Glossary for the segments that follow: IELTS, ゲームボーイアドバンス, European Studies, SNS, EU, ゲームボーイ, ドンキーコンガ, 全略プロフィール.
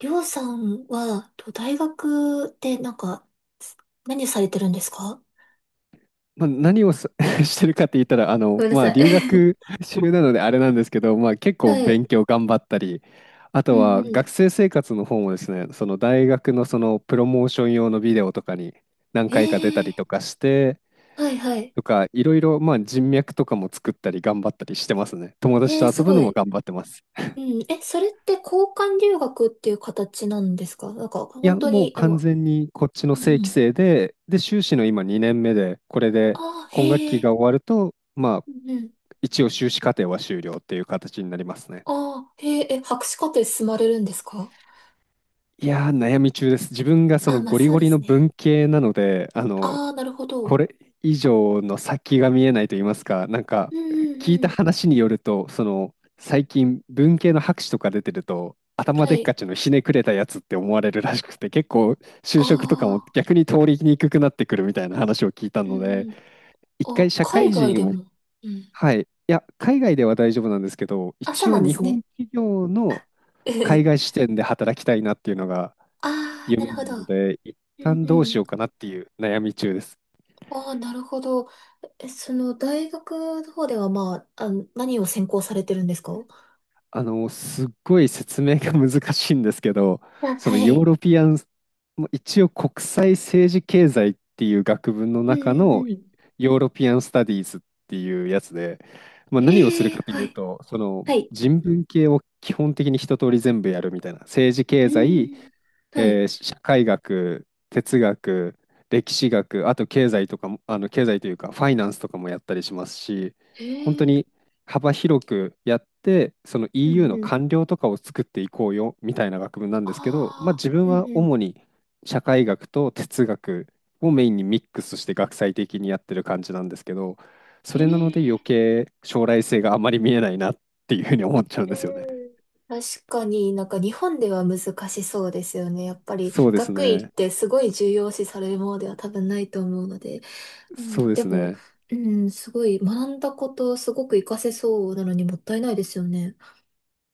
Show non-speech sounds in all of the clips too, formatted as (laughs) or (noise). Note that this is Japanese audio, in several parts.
りょうさんは、と大学でなんか、す何されてるんですか？まあ、何を(laughs) してるかって言ったら、ごめんなまあ、さい。留学中なのであれなんですけど、まあ、結 (laughs) 構はい。勉強頑張ったり、あうとはんうん。学生生活の方もですね、その大学のそのプロモーション用のビデオとかに何え回か出たりえ、とかして、はいはい。とか、いろいろ、まあ、人脈とかも作ったり頑張ったりしてますね。友達えとー、す遊ぶごのもい。頑張ってます。うん、え、それって交換留学っていう形なんですか？なんか、いや、本当もうに、あ完の、全にこっちのうん正う規ん。生で、で、修士の今2年目で、これでああ、今学へ期え、が終わると、まあ、うんうん。一応修士課程は終了っていう形になりますね。ああ、へえ、え、博士課程進まれるんですか？いやー、悩み中です。自分がそあ、のまあゴリそうゴでリのすね。文系なので、ああ、なるほこど。れ以上の先が見えないと言いますか、なんか、うんうん聞いうたん。話によると、その、最近文系の博士とか出てると、頭はでっかい。ちのひねくれたやつって思われるらしくて、結構就あ職とかもあ、逆に通りにくくなってくるみたいな話を聞いたうので、んうん。一回あ、社会海外で人を、も。うん。はい、いや、海外では大丈夫なんですけど、あ、そう一応なんで日すね。本企業の海外 (laughs) 視点で働きたいなっていうのがああ、な夢るほなど。ので、一うん旦どううしん。ようかなっていう悩み中です。ああ、なるほど。え、その、大学の方では、まあ、あの、何を専攻されてるんですか？すっごい説明が難しいんですけど、あ、そのはヨーい。ロピアン、も一応国際政治経済っていう学部のうん中うのんうん。ヨーロピアンスタディーズっていうやつで、まあ、何をするええ、かといはうい。と、そのはい。人文系を基本的に一通り全部やるみたいな、政治う経済、ん。はい。社会学、哲学、歴史学、あと経済とかも、経済というかファイナンスとかもやったりしますし、え本当にえ、幅広くやって、その う EU んのうん。官僚とかを作っていこうよみたいな学部なんですけど、まあ、ああ、自分うんはうん。主に社会学と哲学をメインにミックスして学際的にやってる感じなんですけど、そえれなので余え、計将来性があまり見えないなっていうふうに思っちゃうんうですよね。ん。確かになんか日本では難しそうですよね。やっぱりそうです学位っね。てすごい重要視されるものでは多分ないと思うので。うん、そうでですも、ね。うん、すごい、学んだこと、すごく活かせそうなのにもったいないですよね。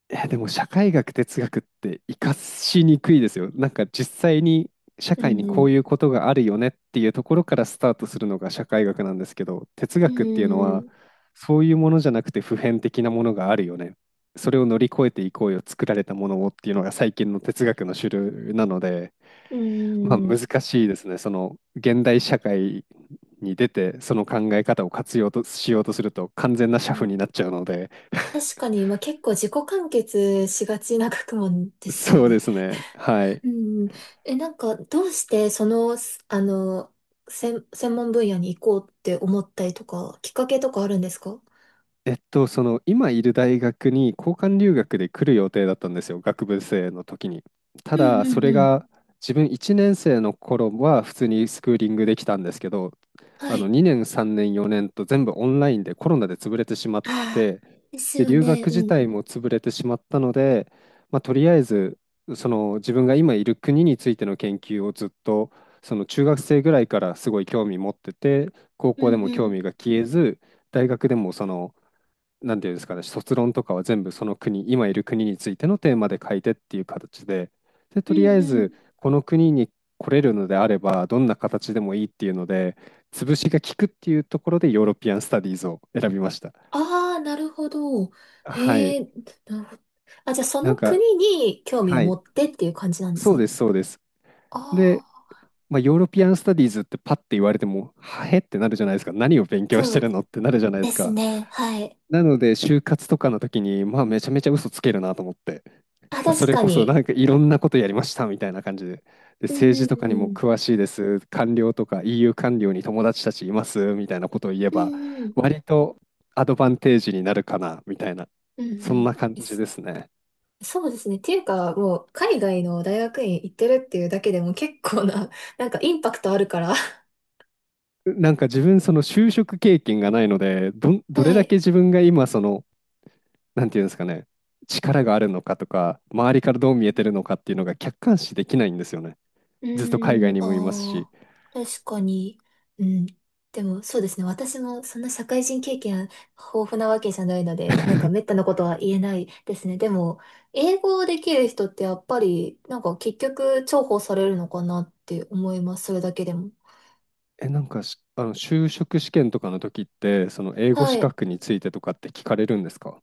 え、でも社会学、哲学って活かしにくいですよ。なんか実際に社うん会にうこうん。いうことがあるよねっていうところからスタートするのが社会学なんですけど、哲う学っていうのはんそういうものじゃなくて普遍的なものがあるよね。それを乗り越えていこうよ、作られたものをっていうのが最近の哲学の主流なので、うまあん。うん、難しいですね。その現代社会に出てその考え方を活用としようとすると完全な社夫になっちゃうので、確か (laughs) に、まあ、結構自己完結しがちな学問ですよそうでね。すね。はい。うん。え、なんか、どうしてその、すあの、専門分野に行こうって思ったりとか、きっかけとかあるんですか？その今いる大学に交換留学で来る予定だったんですよ、学部生の時に。たうんだ、うそんれうん。が自分1年生の頃は普通にスクーリングできたんですけど、はい。2年、3年、4年と全部オンラインでコロナで潰れてしまっああ、て、ですで、よ留学ね。うん自う体ん。も潰れてしまったので、まあ、とりあえずその自分が今いる国についての研究をずっとその中学生ぐらいからすごい興味持ってて、高う校でんもう興ん。味が消えず、大学でもそのなんていうんですかね、卒論とかは全部その国、今いる国についてのテーマで書いてっていう形で、で、うとりあんえうずん、この国に来れるのであれば、どんな形でもいいっていうので、潰しが効くっていうところでヨーロピアン・スタディーズを選びました。ああ、なるほど。はえい。え、なるほど。あ、じゃあそなのんか、国に興味はをい。持ってっていう感じなんですそうね。です、そうです。あで、あ、まあ、ヨーロピアン・スタディーズってパッて言われても、はへってなるじゃないですか。何を勉強しそてうるのってなるじゃないでですすか。ね。はい。なので、就活とかの時に、まあ、めちゃめちゃ嘘つけるなと思って、あ、まあ、そ確れかこそなに。んかいろんなことやりましたみたいな感じで、で、うん政う治んとかにもうん。詳しいです、官僚とか EU 官僚に友達たちいますみたいなことを言えうば、んうん。割とアドバンテージになるかなみたいな、うんうそんん。な感でじすですね。そうですね。っていうか、もう海外の大学院行ってるっていうだけでも結構な、なんかインパクトあるから。(laughs) なんか自分、その就職経験がないので、ど、はどれだけい。自分が今、その、なんていうんですかね、力があるのかとか、周りからどう見えてるのかっていうのが客観視できないんですよね。うずっと海外ん、にもいますし。ああ、確かに。うん。でも、そうですね。私もそんな社会人経験豊富なわけじゃないので、なんか滅 (laughs) 多なことは言えないですね。でも、英語できる人ってやっぱり、なんか結局重宝されるのかなって思います。それだけでも。え、なんかし、あの、就職試験とかの時って、その英語は資い。格についてとかって聞かれるんですか？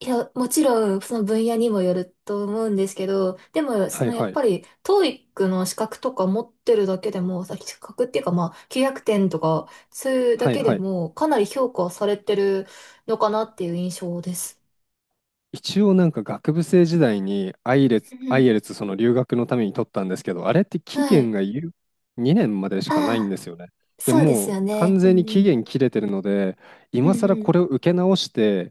いや、もちろん、その分野にもよると思うんですけど、でも、そはのいやっはい。ぱり、TOEIC の資格とか持ってるだけでも、資格っていうか、まあ、900点とか、そういうだはいけではい。も、かなり評価されてるのかなっていう印象です。一応なんか学部生時代にうアイんエルツその留学のために取ったんですけど、あれってう期ん。は限い。が2年までしかないんああ、ですよね。でそうですもようね。完うん全にう期ん。限切れてるので、う今ん更うこん。れを受け直して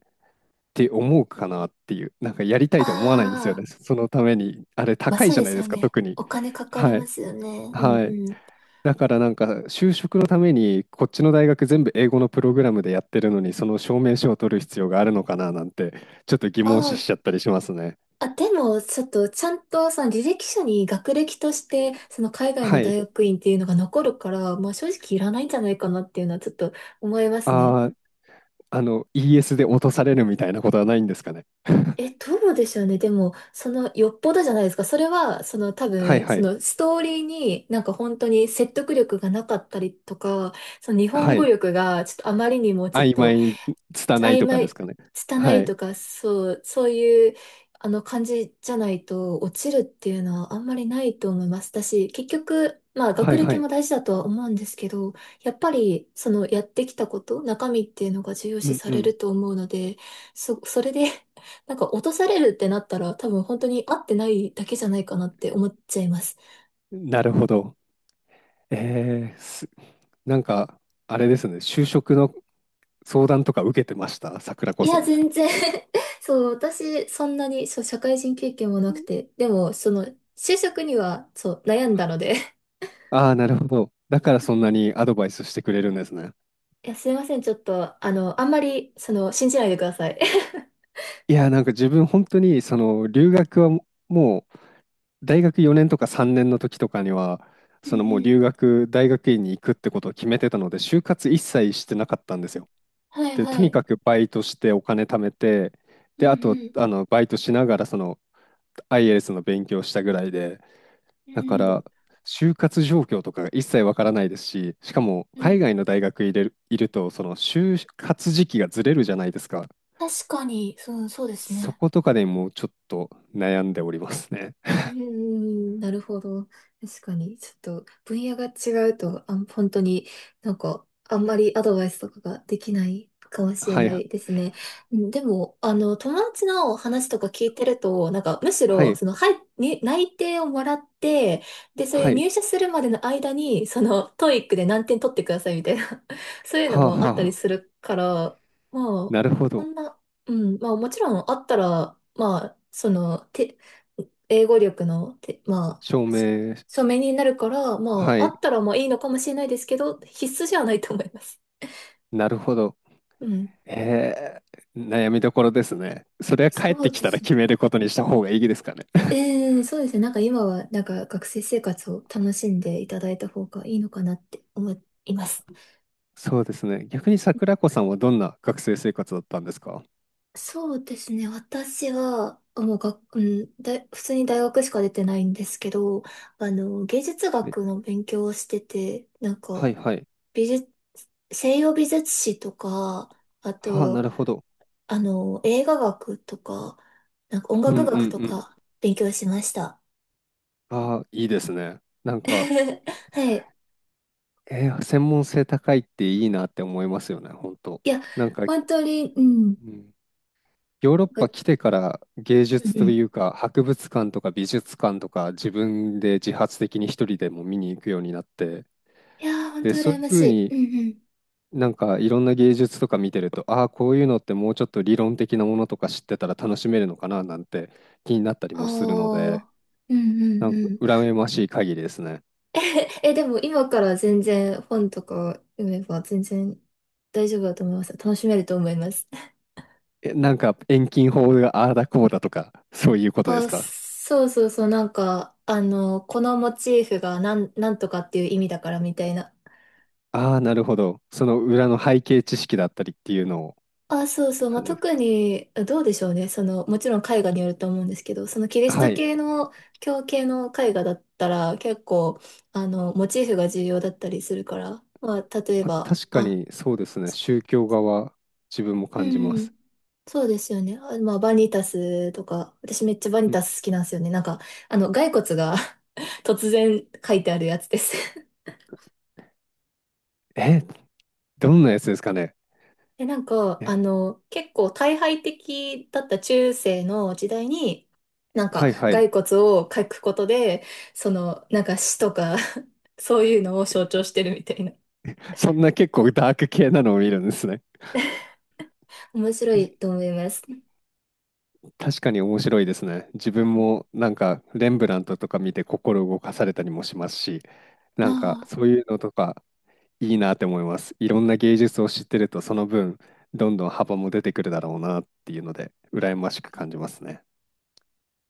って思うかなっていう、なんかやりたいと思わないんですよあね。あ、そのために、あれまあ高いそうじゃでないすでよすか、ね。特に。お金かかりはい。ますよね。うんはい。うん。だからなんか就職のためにこっちの大学全部英語のプログラムでやってるのにその証明書を取る必要があるのかななんてちょっと疑問あ視あ、しちゃったりしますね。あ、でも、ちょっと、ちゃんと、その履歴書に学歴として、その海外のはい。大学院っていうのが残るから、まあ正直いらないんじゃないかなっていうのはちょっと思いますね。あー、ES で落とされるみたいなことはないんですかね。え、どうでしょうね。でも、その、よっぽどじゃないですか。それは、その多はい分、はそい。のストーリーになんか本当に説得力がなかったりとか、その日本は語い。力がちょっとあまりにもちょっ曖と昧、拙い曖とかです昧、かね。拙はいい。とか、そう、そういう、あの、感じじゃないと、落ちるっていうのはあんまりないと思います。だし、結局、まあ、は学いは歴い。も大事だとは思うんですけど、やっぱり、その、やってきたこと、中身っていうのが重要う視んさうれん。ると思うので、それで (laughs) なんか、落とされるってなったら、多分、本当に合ってないだけじゃないかなって思っちゃいます。なるほど。えー、すなんか、あれですね、就職の相談とか受けてました、桜子いさや、ん。全然 (laughs) そう、私、そんなに、そう、社会人経験もなくて、でも、その、就職には、そう、悩んだので。ああ、なるほど。だからうそんなん。にアドバイスしてくれるんですね。いや、すいません、ちょっと、あんまり、信じないでください。(laughs) いや、なんか自分本当に、その留学はもう、大学4年とか3年の時とかには、うんうそのもうん、留学、大学院に行くってことを決めてたので、就活一切してなかったんですよ。はい、で、はとにい。かくバイトしてお金貯めて、うで、あと、ん。バイトしながら、その、IELTS の勉強したぐらいで、うだかんうん。ら、就活状況とかが一切わからないですし、しかもうんうん。う海ん、外の大学入れる、いると、その就活時期がずれるじゃないですか。確かに、そう、そうですそね。ことかでもうちょっと悩んでおりますね。うーん、(laughs) なるほど。確かに、ちょっと分野が違うと、本当になんか、あんまりアドバイスとかができないかも (laughs) しれはい、なはいですね。うん、でも、あの、友達の話とか聞いてると、なんか、むしろ、い、その、はい、内定をもらって、で、それはい、入社するまでの間に、トーイックで何点取ってくださいみたいな、(laughs) そういうのはあ、もあったりはあ、するから、まあ、なるほこど。んな、うん、まあ、もちろんあったら、まあ、英語力の、まあ、証明、書面になるから、まはあ、あい、ったらまあいいのかもしれないですけど、必須じゃないと思います。なるほど。うん。え悩みどころですね。それは帰っそてうきでたらすね。決めることにした方がいいですかね。(laughs) そうですね。なんか今は、なんか学生生活を楽しんでいただいた方がいいのかなって思います。そうですね。逆に桜子さんはどんな学生生活だったんですか？そうですね。私は、もうが、うん、普通に大学しか出てないんですけど、あの、芸術はい、学の勉強をしてて、なんはか、い、はい。美術、西洋美術史とか、あはあ、なと、るほど。あの、映画学とか、なんか音うんうん楽う学とん。か勉強しました。ああ、いいですね。なんか、(laughs) はい。専門性高いっていいなって思いますよね、本当。いや、なんか、う本当に、うん。ん、ヨーロッなんパか来てから芸うん術うん。といいうか、博物館とか美術館とか自分で自発的に一人でも見に行くようになって、やー、本で、当そう羨いうまふしうにい。うんうん。なんかいろんな芸術とか見てると、ああ、こういうのってもうちょっと理論的なものとか知ってたら楽しめるのかななんて気になったりあもするので、あ、うんうなんんかうん。羨ましい限りですね。(laughs) え、でも今から全然本とか読めば全然大丈夫だと思います。楽しめると思います。え、なんか遠近法がああだこうだとか、そういうことですあ、か？そうそうそう、なんか、あの、このモチーフがなんとかっていう意味だからみたいな。ああ、なるほど。その裏の背景知識だったりっていうのをあ、そうってそう。まあ、感じです。特に、どうでしょうね。その、もちろん絵画によると思うんですけど、そのキリスはトい。系の、教系の絵画だったら、結構、あの、モチーフが重要だったりするから、まあ、例えまあ、ば、確かあ、にそうですね。宗教側は自分もう感じまんうん、す。そうですよね。あ、まあ、バニタスとか、私めっちゃバニタん、ス好きなんですよね。なんか、あの、骸骨が (laughs) 突然書いてあるやつです。え、どんなやつですかね。で、なんか、え、あの、結構退廃的だった中世の時代に、なんはか、いは骸い。骨を描くことで、その、なんか死とか (laughs) そういうのを象徴してるみたいな。そんな結構ダーク系なのを見るんですね。(laughs) 面白いと思います。確かに面白いですね。自分もなんかレンブラントとか見て心動かされたりもしますし、ななんかあそういうのとかいいなって思います。いろんな芸術を知ってると、その分、どんどん幅も出てくるだろうなっていうので、羨ましく感じますね。